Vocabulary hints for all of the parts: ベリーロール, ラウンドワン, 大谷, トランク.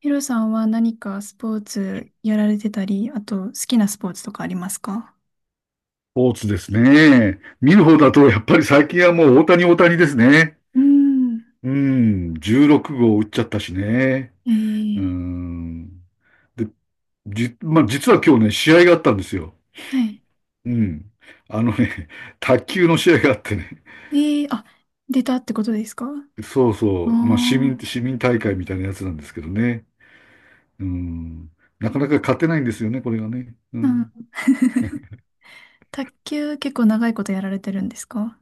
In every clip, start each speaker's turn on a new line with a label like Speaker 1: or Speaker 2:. Speaker 1: ヒロさんは何かスポーツやられてたり、あと好きなスポーツとかありますか？
Speaker 2: ポーツですね。見る方だと、やっぱり最近はもう大谷大谷ですね。
Speaker 1: うーん。
Speaker 2: うん、16号打っちゃったしね。
Speaker 1: え
Speaker 2: う
Speaker 1: ー、
Speaker 2: ん。で、まあ、実は今日ね、試合があったんですよ。
Speaker 1: はい。
Speaker 2: うん。あのね、卓球の試合があってね。
Speaker 1: えあ、出たってことですかあ？
Speaker 2: そう
Speaker 1: あ
Speaker 2: そう。まあ、
Speaker 1: ー。
Speaker 2: 市民大会みたいなやつなんですけどね。うん。なかなか勝てないんですよね、これがね。う
Speaker 1: うん。
Speaker 2: ん。
Speaker 1: 卓球結構長いことやられてるんですか？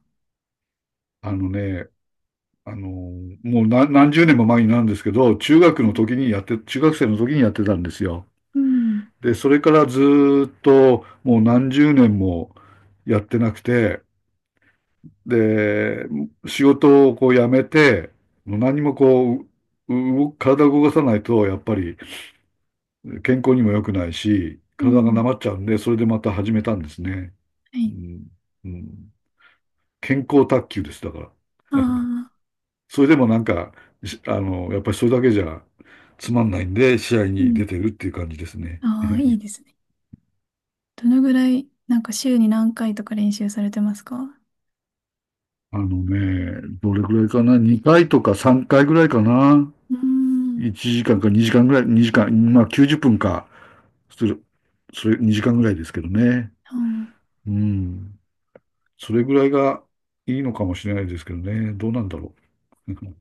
Speaker 2: あのね、あの、もう何十年も前になるんですけど、中
Speaker 1: う
Speaker 2: 学の
Speaker 1: ん。
Speaker 2: 時にやって、中学生の時にやってたんですよ。
Speaker 1: うん。
Speaker 2: で、それからずっともう何十年もやってなくて、で、仕事をこう辞めて、もう何もこう、動体を動かさないと、やっぱり健康にも良くないし、
Speaker 1: う
Speaker 2: 体がな
Speaker 1: ん。
Speaker 2: まっちゃうんで、それでまた始めたんですね。
Speaker 1: は
Speaker 2: う
Speaker 1: い。
Speaker 2: ん、うん、健康卓球です、だか
Speaker 1: あ
Speaker 2: ら。
Speaker 1: あ、
Speaker 2: それでもなんか、しあの、やっぱりそれだけじゃつまんないんで、試合
Speaker 1: う
Speaker 2: に出
Speaker 1: ん。
Speaker 2: てるっていう感じですね。
Speaker 1: ああ、いい ですね。どのぐらい、なんか週に何回とか練習されてますか？
Speaker 2: あのね、どれぐらいかな？ 2 回とか3回ぐらいかな？
Speaker 1: うーん。
Speaker 2: 1 時間か2時間ぐらい、2時間、まあ90分か、する、それ2時間ぐらいですけどね。
Speaker 1: あー。
Speaker 2: うん。それぐらいがいいのかもしれないですけどね。どうなんだろう。うん。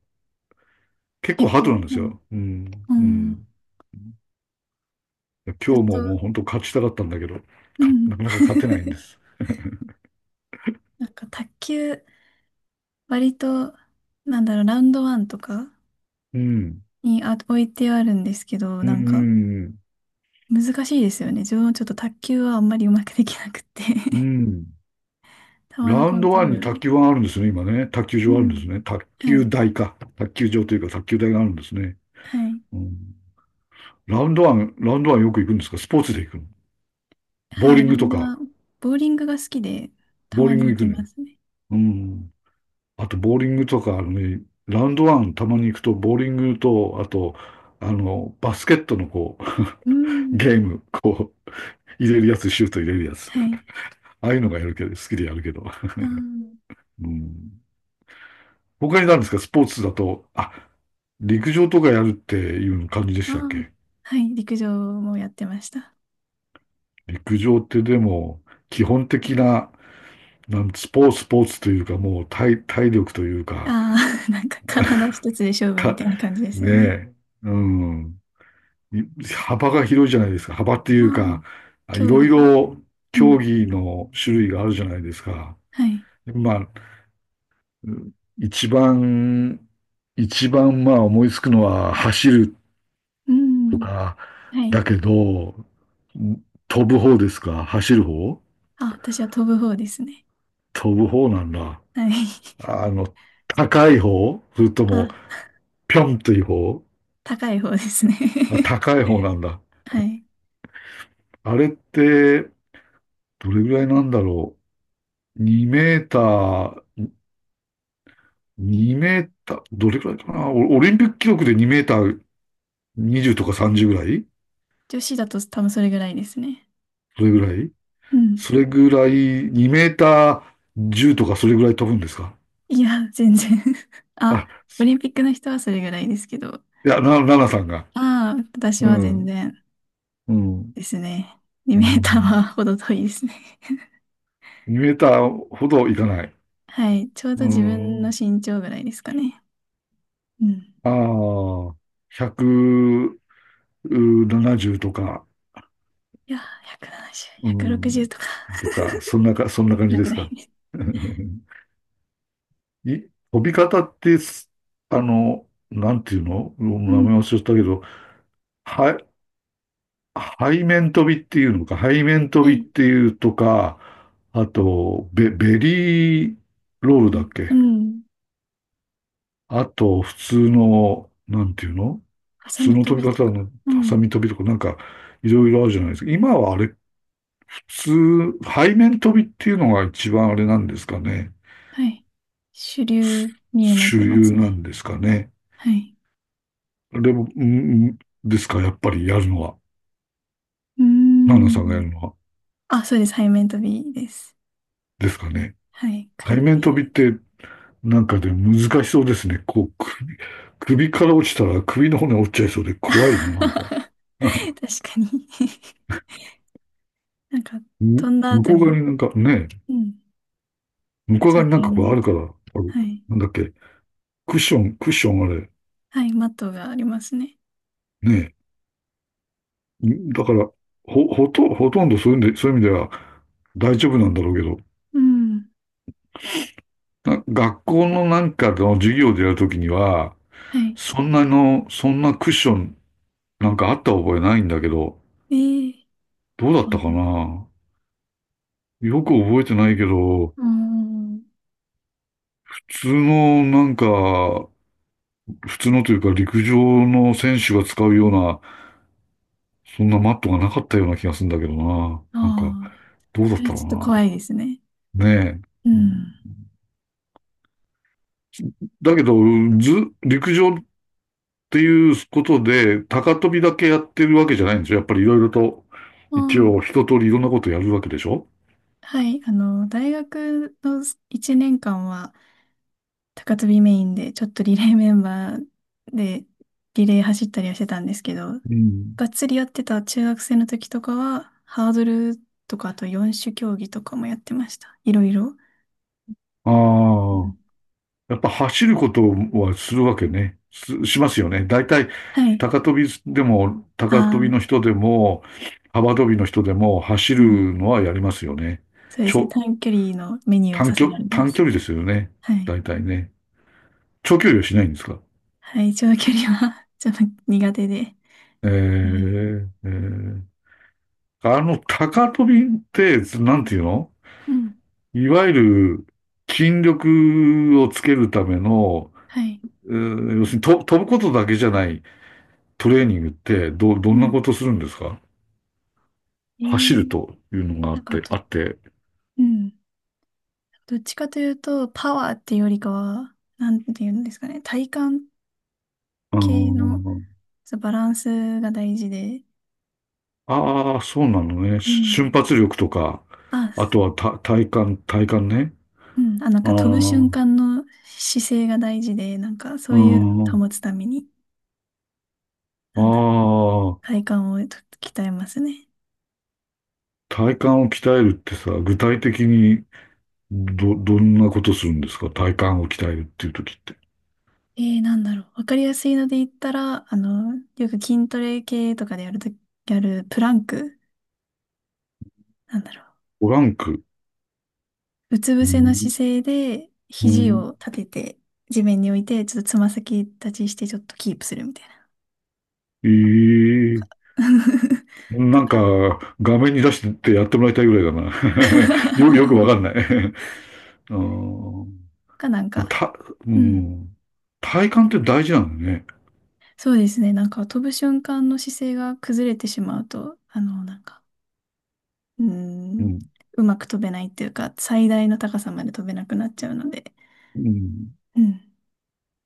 Speaker 2: 結構
Speaker 1: 結
Speaker 2: ハードなん
Speaker 1: 構、
Speaker 2: で
Speaker 1: う
Speaker 2: す
Speaker 1: ん。
Speaker 2: よ。うん。
Speaker 1: う
Speaker 2: う
Speaker 1: ん。
Speaker 2: ん。
Speaker 1: ずっ
Speaker 2: 今日
Speaker 1: と、
Speaker 2: ももう本当勝ちたかったんだけど、
Speaker 1: う
Speaker 2: な
Speaker 1: ん。
Speaker 2: かなか勝てないんです。
Speaker 1: なんか卓球、割と、なんだろう、ラウンドワンとか
Speaker 2: うん。
Speaker 1: に置いてあるんですけど、
Speaker 2: うん。
Speaker 1: なんか
Speaker 2: うん。
Speaker 1: 難しいですよね。自分もちょっと卓球はあんまりうまくできなくって
Speaker 2: うん。
Speaker 1: 球の
Speaker 2: ラウ
Speaker 1: コ
Speaker 2: ン
Speaker 1: ン
Speaker 2: ド
Speaker 1: ト
Speaker 2: ワ
Speaker 1: ロ
Speaker 2: ン
Speaker 1: ー
Speaker 2: に
Speaker 1: ルね。
Speaker 2: 卓球はあるんですね、今ね。卓球
Speaker 1: う
Speaker 2: 場あるんです
Speaker 1: ん。
Speaker 2: ね。卓
Speaker 1: は
Speaker 2: 球
Speaker 1: い。
Speaker 2: 台か。卓球場というか卓球台があるんですね。
Speaker 1: はい。
Speaker 2: うん、ラウンドワンよく行くんですか？スポーツで行くの？
Speaker 1: は
Speaker 2: ボーリ
Speaker 1: い。
Speaker 2: ン
Speaker 1: ラウ
Speaker 2: グ
Speaker 1: ン
Speaker 2: と
Speaker 1: ド
Speaker 2: か。
Speaker 1: ワン、ボーリングが好きで、た
Speaker 2: ボー
Speaker 1: ま
Speaker 2: リング
Speaker 1: に行
Speaker 2: 行く
Speaker 1: き
Speaker 2: ね。
Speaker 1: ますね。
Speaker 2: うん。あと、ボーリングとか、あのね、ラウンドワンたまに行くと、ボーリングと、あと、バスケットのこう、
Speaker 1: うん。
Speaker 2: ゲーム、こう、入れるやつ、シュート入れるやつ。
Speaker 1: はい。
Speaker 2: ああいうのがやるけど、好きでやるけど。
Speaker 1: あ
Speaker 2: うん。他に何ですか？スポーツだと、あ、陸上とかやるっていう感じで
Speaker 1: あ、
Speaker 2: し
Speaker 1: あ
Speaker 2: たっ
Speaker 1: あ、
Speaker 2: け？
Speaker 1: はい。陸上もやってました。
Speaker 2: 陸上ってでも、基本的な、スポーツというか、もう体、体力というか、
Speaker 1: ああ、なんか体一つで勝負み
Speaker 2: か、
Speaker 1: たいな感じです
Speaker 2: ね
Speaker 1: よね。
Speaker 2: え、うん。幅が広いじゃないですか。幅って
Speaker 1: あ
Speaker 2: いう
Speaker 1: あ、
Speaker 2: か、い
Speaker 1: 競
Speaker 2: ろい
Speaker 1: 技が。
Speaker 2: ろ
Speaker 1: う
Speaker 2: 競
Speaker 1: ん。
Speaker 2: 技の種類があるじゃないですか。
Speaker 1: はい。
Speaker 2: まあ、うん、一番、一番まあ思いつくのは走る
Speaker 1: う
Speaker 2: と
Speaker 1: ん。
Speaker 2: か、
Speaker 1: はい。
Speaker 2: だけど、飛ぶ方ですか？走る方？
Speaker 1: あ、私は飛ぶ方ですね。
Speaker 2: 飛ぶ方なんだ。
Speaker 1: はい。
Speaker 2: あの、高い方それとも、
Speaker 1: あ、
Speaker 2: ぴょんという方？
Speaker 1: 高い方ですね。
Speaker 2: あ、高い方なんだ。
Speaker 1: はい。
Speaker 2: あれって、どれぐらいなんだろう。2メーター、どれぐらいかな？オリンピック記録で2メーター20とか30ぐらい？
Speaker 1: 女子だと多分それぐらいですね。
Speaker 2: それぐらい
Speaker 1: うん。
Speaker 2: それぐらい、2メーター10とかそれぐらい飛ぶんですか？
Speaker 1: いや、全然。 あ、
Speaker 2: あ、
Speaker 1: オリンピックの人はそれぐらいですけど。
Speaker 2: いや、奈々さんが。
Speaker 1: ああ、私
Speaker 2: う
Speaker 1: は全
Speaker 2: ん。
Speaker 1: 然
Speaker 2: うん。
Speaker 1: ですね。
Speaker 2: う
Speaker 1: 2メーターは
Speaker 2: ん。
Speaker 1: ほど遠いですね。
Speaker 2: 2メーターほどいかない。
Speaker 1: はい。ちょう
Speaker 2: う
Speaker 1: ど自分の
Speaker 2: ん。
Speaker 1: 身長ぐらいですかね。うん。
Speaker 2: ああ、170とか、
Speaker 1: いや、170、
Speaker 2: う
Speaker 1: 160
Speaker 2: ん。
Speaker 1: とか、
Speaker 2: とか、そんな感
Speaker 1: そ
Speaker 2: じ
Speaker 1: れ
Speaker 2: で
Speaker 1: ぐ
Speaker 2: す
Speaker 1: らい
Speaker 2: か。
Speaker 1: です。
Speaker 2: 飛び方ってす、あの、なんていうの？名
Speaker 1: う
Speaker 2: 前忘
Speaker 1: ん。
Speaker 2: れちゃったけど、は、背面飛びっていうのか、背面飛
Speaker 1: は
Speaker 2: びっ
Speaker 1: い。
Speaker 2: ていうとか、あと、ベリーロール
Speaker 1: え
Speaker 2: だっ
Speaker 1: う
Speaker 2: け？
Speaker 1: ん。
Speaker 2: あと、普通の、なんていうの？
Speaker 1: ハ
Speaker 2: 普
Speaker 1: サ
Speaker 2: 通
Speaker 1: ミ
Speaker 2: の
Speaker 1: 飛
Speaker 2: 飛び
Speaker 1: びと
Speaker 2: 方
Speaker 1: か。
Speaker 2: の、
Speaker 1: う
Speaker 2: ハサ
Speaker 1: ん。
Speaker 2: ミ飛びとか、なんか、いろいろあるじゃないですか。今はあれ、普通、背面飛びっていうのが一番あれなんですかね。
Speaker 1: はい。主
Speaker 2: す
Speaker 1: 流になっ
Speaker 2: 主
Speaker 1: てま
Speaker 2: 流
Speaker 1: す
Speaker 2: な
Speaker 1: ね。
Speaker 2: んですかね。
Speaker 1: はい。
Speaker 2: でも、うんうんですか、やっぱりやるのは。
Speaker 1: うー
Speaker 2: ナナさんがや
Speaker 1: ん。
Speaker 2: るのは。
Speaker 1: あ、そうです。背面飛びです。
Speaker 2: ですかね。
Speaker 1: はい。くる
Speaker 2: 背
Speaker 1: って
Speaker 2: 面
Speaker 1: や
Speaker 2: 飛
Speaker 1: る
Speaker 2: び
Speaker 1: や
Speaker 2: っ
Speaker 1: つ。
Speaker 2: て、なんかで難しそうですね。こう、首から落ちたら首の骨折っちゃいそうで怖いな、なんか。
Speaker 1: 確かに。 なんか、
Speaker 2: む
Speaker 1: 飛んだ
Speaker 2: 向
Speaker 1: 後
Speaker 2: こう側
Speaker 1: に、
Speaker 2: になんかね、
Speaker 1: うん。
Speaker 2: 向こう
Speaker 1: ちょ
Speaker 2: 側
Speaker 1: っ
Speaker 2: にな
Speaker 1: と
Speaker 2: ん
Speaker 1: や
Speaker 2: か
Speaker 1: ら
Speaker 2: こう
Speaker 1: な
Speaker 2: あ
Speaker 1: い
Speaker 2: る
Speaker 1: と。
Speaker 2: から、あの
Speaker 1: はい。
Speaker 2: なんだっけ、クッションあれ、
Speaker 1: はい。マットがありますね。
Speaker 2: ねえ、だから、ほとんどそういうんで、そういう意味では大丈夫なんだろうけど、
Speaker 1: うん。
Speaker 2: 学校のなんかの授業でやるときには、
Speaker 1: はい。
Speaker 2: そんなクッションなんかあった覚えないんだけど、
Speaker 1: ええ。
Speaker 2: どうだっ
Speaker 1: そ
Speaker 2: た
Speaker 1: う
Speaker 2: か
Speaker 1: だ。
Speaker 2: な？よく覚えてないけど、
Speaker 1: うーん。
Speaker 2: 普通のなんか、普通のというか陸上の選手が使うような、そんなマットがなかったような気がするんだけどな。
Speaker 1: あ
Speaker 2: なんか、
Speaker 1: あ、
Speaker 2: どうだっ
Speaker 1: それ
Speaker 2: た
Speaker 1: ちょっと怖
Speaker 2: ろ
Speaker 1: いですね。
Speaker 2: うな。ねえ。
Speaker 1: う
Speaker 2: う
Speaker 1: ん。
Speaker 2: ん。だけど、ず、陸上っていうことで、高跳びだけやってるわけじゃないんですよ。やっぱりいろいろと、
Speaker 1: ああ、
Speaker 2: 一応一通りいろんなことやるわけでしょ？
Speaker 1: はい。あの、大学の1年間は、高跳びメインで、ちょっとリレーメンバーで、リレー走ったりはしてたんですけど、
Speaker 2: うん。
Speaker 1: がっつりやってた中学生の時とかは、ハードルとか、あと4種競技とかもやってました。いろいろ。
Speaker 2: あ
Speaker 1: う
Speaker 2: あ、
Speaker 1: ん。
Speaker 2: やっぱ走ることはするわけね。しますよね。大体、
Speaker 1: はい。
Speaker 2: 高跳びでも、
Speaker 1: あ
Speaker 2: 高跳び
Speaker 1: あ、
Speaker 2: の人でも、幅跳びの人でも、走
Speaker 1: うん。
Speaker 2: るのはやりますよね。
Speaker 1: そうで
Speaker 2: ち
Speaker 1: すね。
Speaker 2: ょ、
Speaker 1: 短距離のメニューをさ
Speaker 2: 短距、
Speaker 1: せられま
Speaker 2: 短
Speaker 1: す。
Speaker 2: 距離ですよね。
Speaker 1: はい。
Speaker 2: 大体ね。長距離はしないんですか？
Speaker 1: はい、長距離は ちょっと苦手で。
Speaker 2: え
Speaker 1: え
Speaker 2: えええ。高飛びって、なんていうの？
Speaker 1: うん。
Speaker 2: いわゆる筋力をつけるための、
Speaker 1: はい。
Speaker 2: 要するに飛ぶことだけじゃないトレーニングって、ど
Speaker 1: う
Speaker 2: んな
Speaker 1: ん。
Speaker 2: ことするんですか？
Speaker 1: え
Speaker 2: 走る
Speaker 1: ー、
Speaker 2: というのがあ
Speaker 1: な
Speaker 2: っ
Speaker 1: んか
Speaker 2: て、
Speaker 1: と、
Speaker 2: あって、
Speaker 1: うん。どっちかというと、パワーっていうよりかは、なんていうんですかね、体幹
Speaker 2: あ
Speaker 1: 系の、
Speaker 2: ー
Speaker 1: そうバランスが大事で、
Speaker 2: あー、そうなのね。
Speaker 1: う
Speaker 2: 瞬
Speaker 1: ん。
Speaker 2: 発力とか、
Speaker 1: あ、
Speaker 2: あ
Speaker 1: す
Speaker 2: とは体幹ね。
Speaker 1: うん、あ、なん
Speaker 2: あ
Speaker 1: か飛ぶ瞬
Speaker 2: あ、
Speaker 1: 間の姿勢が大事で、なんかそ
Speaker 2: う
Speaker 1: ういうのを
Speaker 2: ん、
Speaker 1: 保つために、
Speaker 2: あ
Speaker 1: なんだろう、体
Speaker 2: あ、
Speaker 1: 幹を鍛えますね。
Speaker 2: 体幹を鍛えるってさ、具体的にどんなことするんですか？体幹を鍛えるっていう時って。
Speaker 1: なんだろう、わかりやすいので言ったら、あの、よく筋トレ系とかでやると、やるプランク、なんだろう、
Speaker 2: トランク。
Speaker 1: うつ
Speaker 2: う
Speaker 1: 伏せの
Speaker 2: ん
Speaker 1: 姿勢で、
Speaker 2: う
Speaker 1: 肘
Speaker 2: ん、
Speaker 1: を立てて、地面に置いて、ちょっとつま先立ちして、ちょっとキープするみたいな。
Speaker 2: ええ、
Speaker 1: と
Speaker 2: なんか、
Speaker 1: か
Speaker 2: 画面に出してってやってもらいたいぐらいだな。よくわか んない。あー、
Speaker 1: かなんか、
Speaker 2: た、う
Speaker 1: うん。
Speaker 2: ん。体幹って大事なのね。
Speaker 1: そうですね。なんか飛ぶ瞬間の姿勢が崩れてしまうと、あの、なんか、うー
Speaker 2: う
Speaker 1: ん、
Speaker 2: ん。
Speaker 1: うまく飛べないっていうか、最大の高さまで飛べなくなっちゃうので。
Speaker 2: うん。
Speaker 1: うん。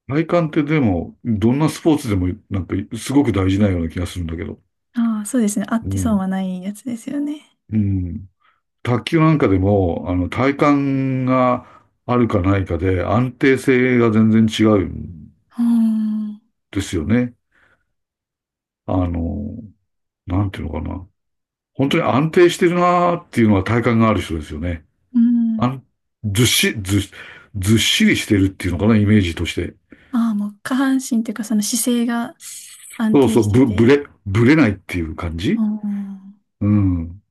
Speaker 2: 体幹ってでも、どんなスポーツでも、なんか、すごく大事なような気がするんだけど。
Speaker 1: ああ、そうですね。あっ
Speaker 2: う
Speaker 1: て損
Speaker 2: ん。
Speaker 1: はないやつですよね。
Speaker 2: うん。卓球なんかでも、体幹があるかないかで安定性が全然違うん
Speaker 1: うーん。
Speaker 2: ですよね。あの、なんていうのかな。本当に安定してるなーっていうのは体幹がある人ですよね。
Speaker 1: う
Speaker 2: あ
Speaker 1: ん。
Speaker 2: ん、ずっし、ずっ、ずっしりしてるっていうのかな、イメージとして。
Speaker 1: ああ、もう下半身っていうか、その姿勢が、安
Speaker 2: そう
Speaker 1: 定
Speaker 2: そう、
Speaker 1: してて、
Speaker 2: ぶれないっていう感
Speaker 1: あ
Speaker 2: じ？
Speaker 1: あ、
Speaker 2: うん。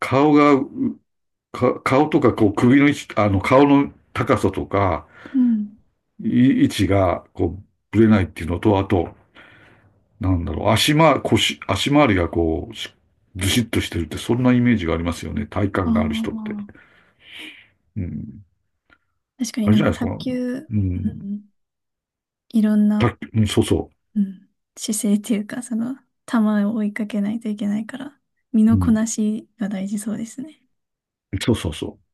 Speaker 2: 顔が、顔とか、こう、首の位置、顔の高さとか、
Speaker 1: うん。
Speaker 2: 位置が、こう、ぶれないっていうのと、あと、なんだろう、腰、足回りがこう、ずしっとしてるって、そんなイメージがありますよね。体
Speaker 1: あ
Speaker 2: 幹がある人って。
Speaker 1: あ、
Speaker 2: うん。
Speaker 1: 確かに
Speaker 2: あれ
Speaker 1: な
Speaker 2: じ
Speaker 1: ん
Speaker 2: ゃな
Speaker 1: か
Speaker 2: いですか。
Speaker 1: 卓球、
Speaker 2: う
Speaker 1: う
Speaker 2: ん。
Speaker 1: ん、いろん
Speaker 2: 卓
Speaker 1: な、
Speaker 2: 球うん、そうそ
Speaker 1: うん、姿勢っていうか、その、球を追いかけないといけないから、身
Speaker 2: う。う
Speaker 1: のこ
Speaker 2: ん。
Speaker 1: なしが大事そうですね。
Speaker 2: そうそうそう。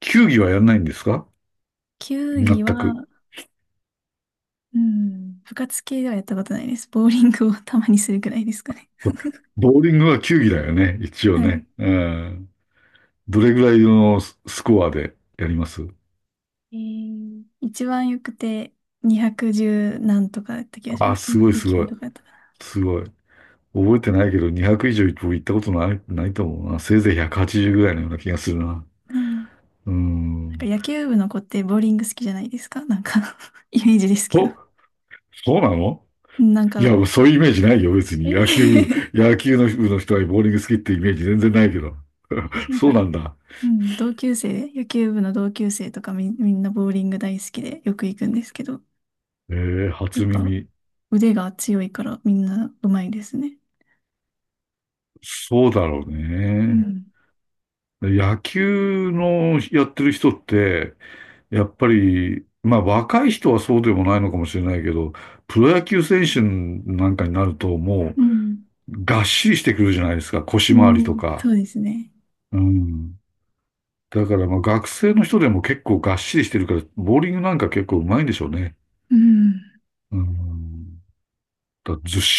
Speaker 2: 球技はやらないんですか？
Speaker 1: 球技
Speaker 2: 全く。
Speaker 1: は、うん、部活系ではやったことないです。ボーリングをたまにするくらいですかね。
Speaker 2: そっか。ボーリングは球技だよね。一応
Speaker 1: はい。
Speaker 2: ね。うん。どれぐらいのスコアでやります？
Speaker 1: 一番よくて、210何とかだった気がし
Speaker 2: あ、
Speaker 1: ます。
Speaker 2: すごいすご
Speaker 1: 209
Speaker 2: い。
Speaker 1: とかだったか
Speaker 2: すごい。覚えてないけど、200以上僕行ったことない、ないと思うな。せいぜい180ぐらいのような気がするな。
Speaker 1: な。
Speaker 2: う
Speaker 1: なんか
Speaker 2: ん。
Speaker 1: 野球部の子ってボーリング好きじゃないですか、なんか。 イメージですけど。
Speaker 2: お、そうなの？
Speaker 1: なん
Speaker 2: い
Speaker 1: か、
Speaker 2: や、そういうイメージないよ、別
Speaker 1: え
Speaker 2: に。
Speaker 1: ー
Speaker 2: 野球の部の人はボーリング好きってイメージ全然ないけど。
Speaker 1: なん
Speaker 2: そうな
Speaker 1: か、
Speaker 2: んだ。
Speaker 1: うん、同級生、野球部の同級生とかみんなボーリング大好きでよく行くんですけど、
Speaker 2: えー、
Speaker 1: やっ
Speaker 2: 初
Speaker 1: ぱ
Speaker 2: 耳。
Speaker 1: 腕が強いからみんな上手いですね。
Speaker 2: そうだろう
Speaker 1: う
Speaker 2: ね。
Speaker 1: ん。
Speaker 2: 野球のやってる人って、やっぱり、まあ若い人はそうでもないのかもしれないけど、プロ野球選手なんかになるとも
Speaker 1: うん。
Speaker 2: うがっしりしてくるじゃないですか、腰
Speaker 1: う
Speaker 2: 回りと
Speaker 1: ん。
Speaker 2: か。
Speaker 1: そうですね。
Speaker 2: うん。だからまあ学生の人でも結構がっしりしてるから、ボーリングなんか結構うまいんでしょうね。
Speaker 1: うん。
Speaker 2: うーん。だずし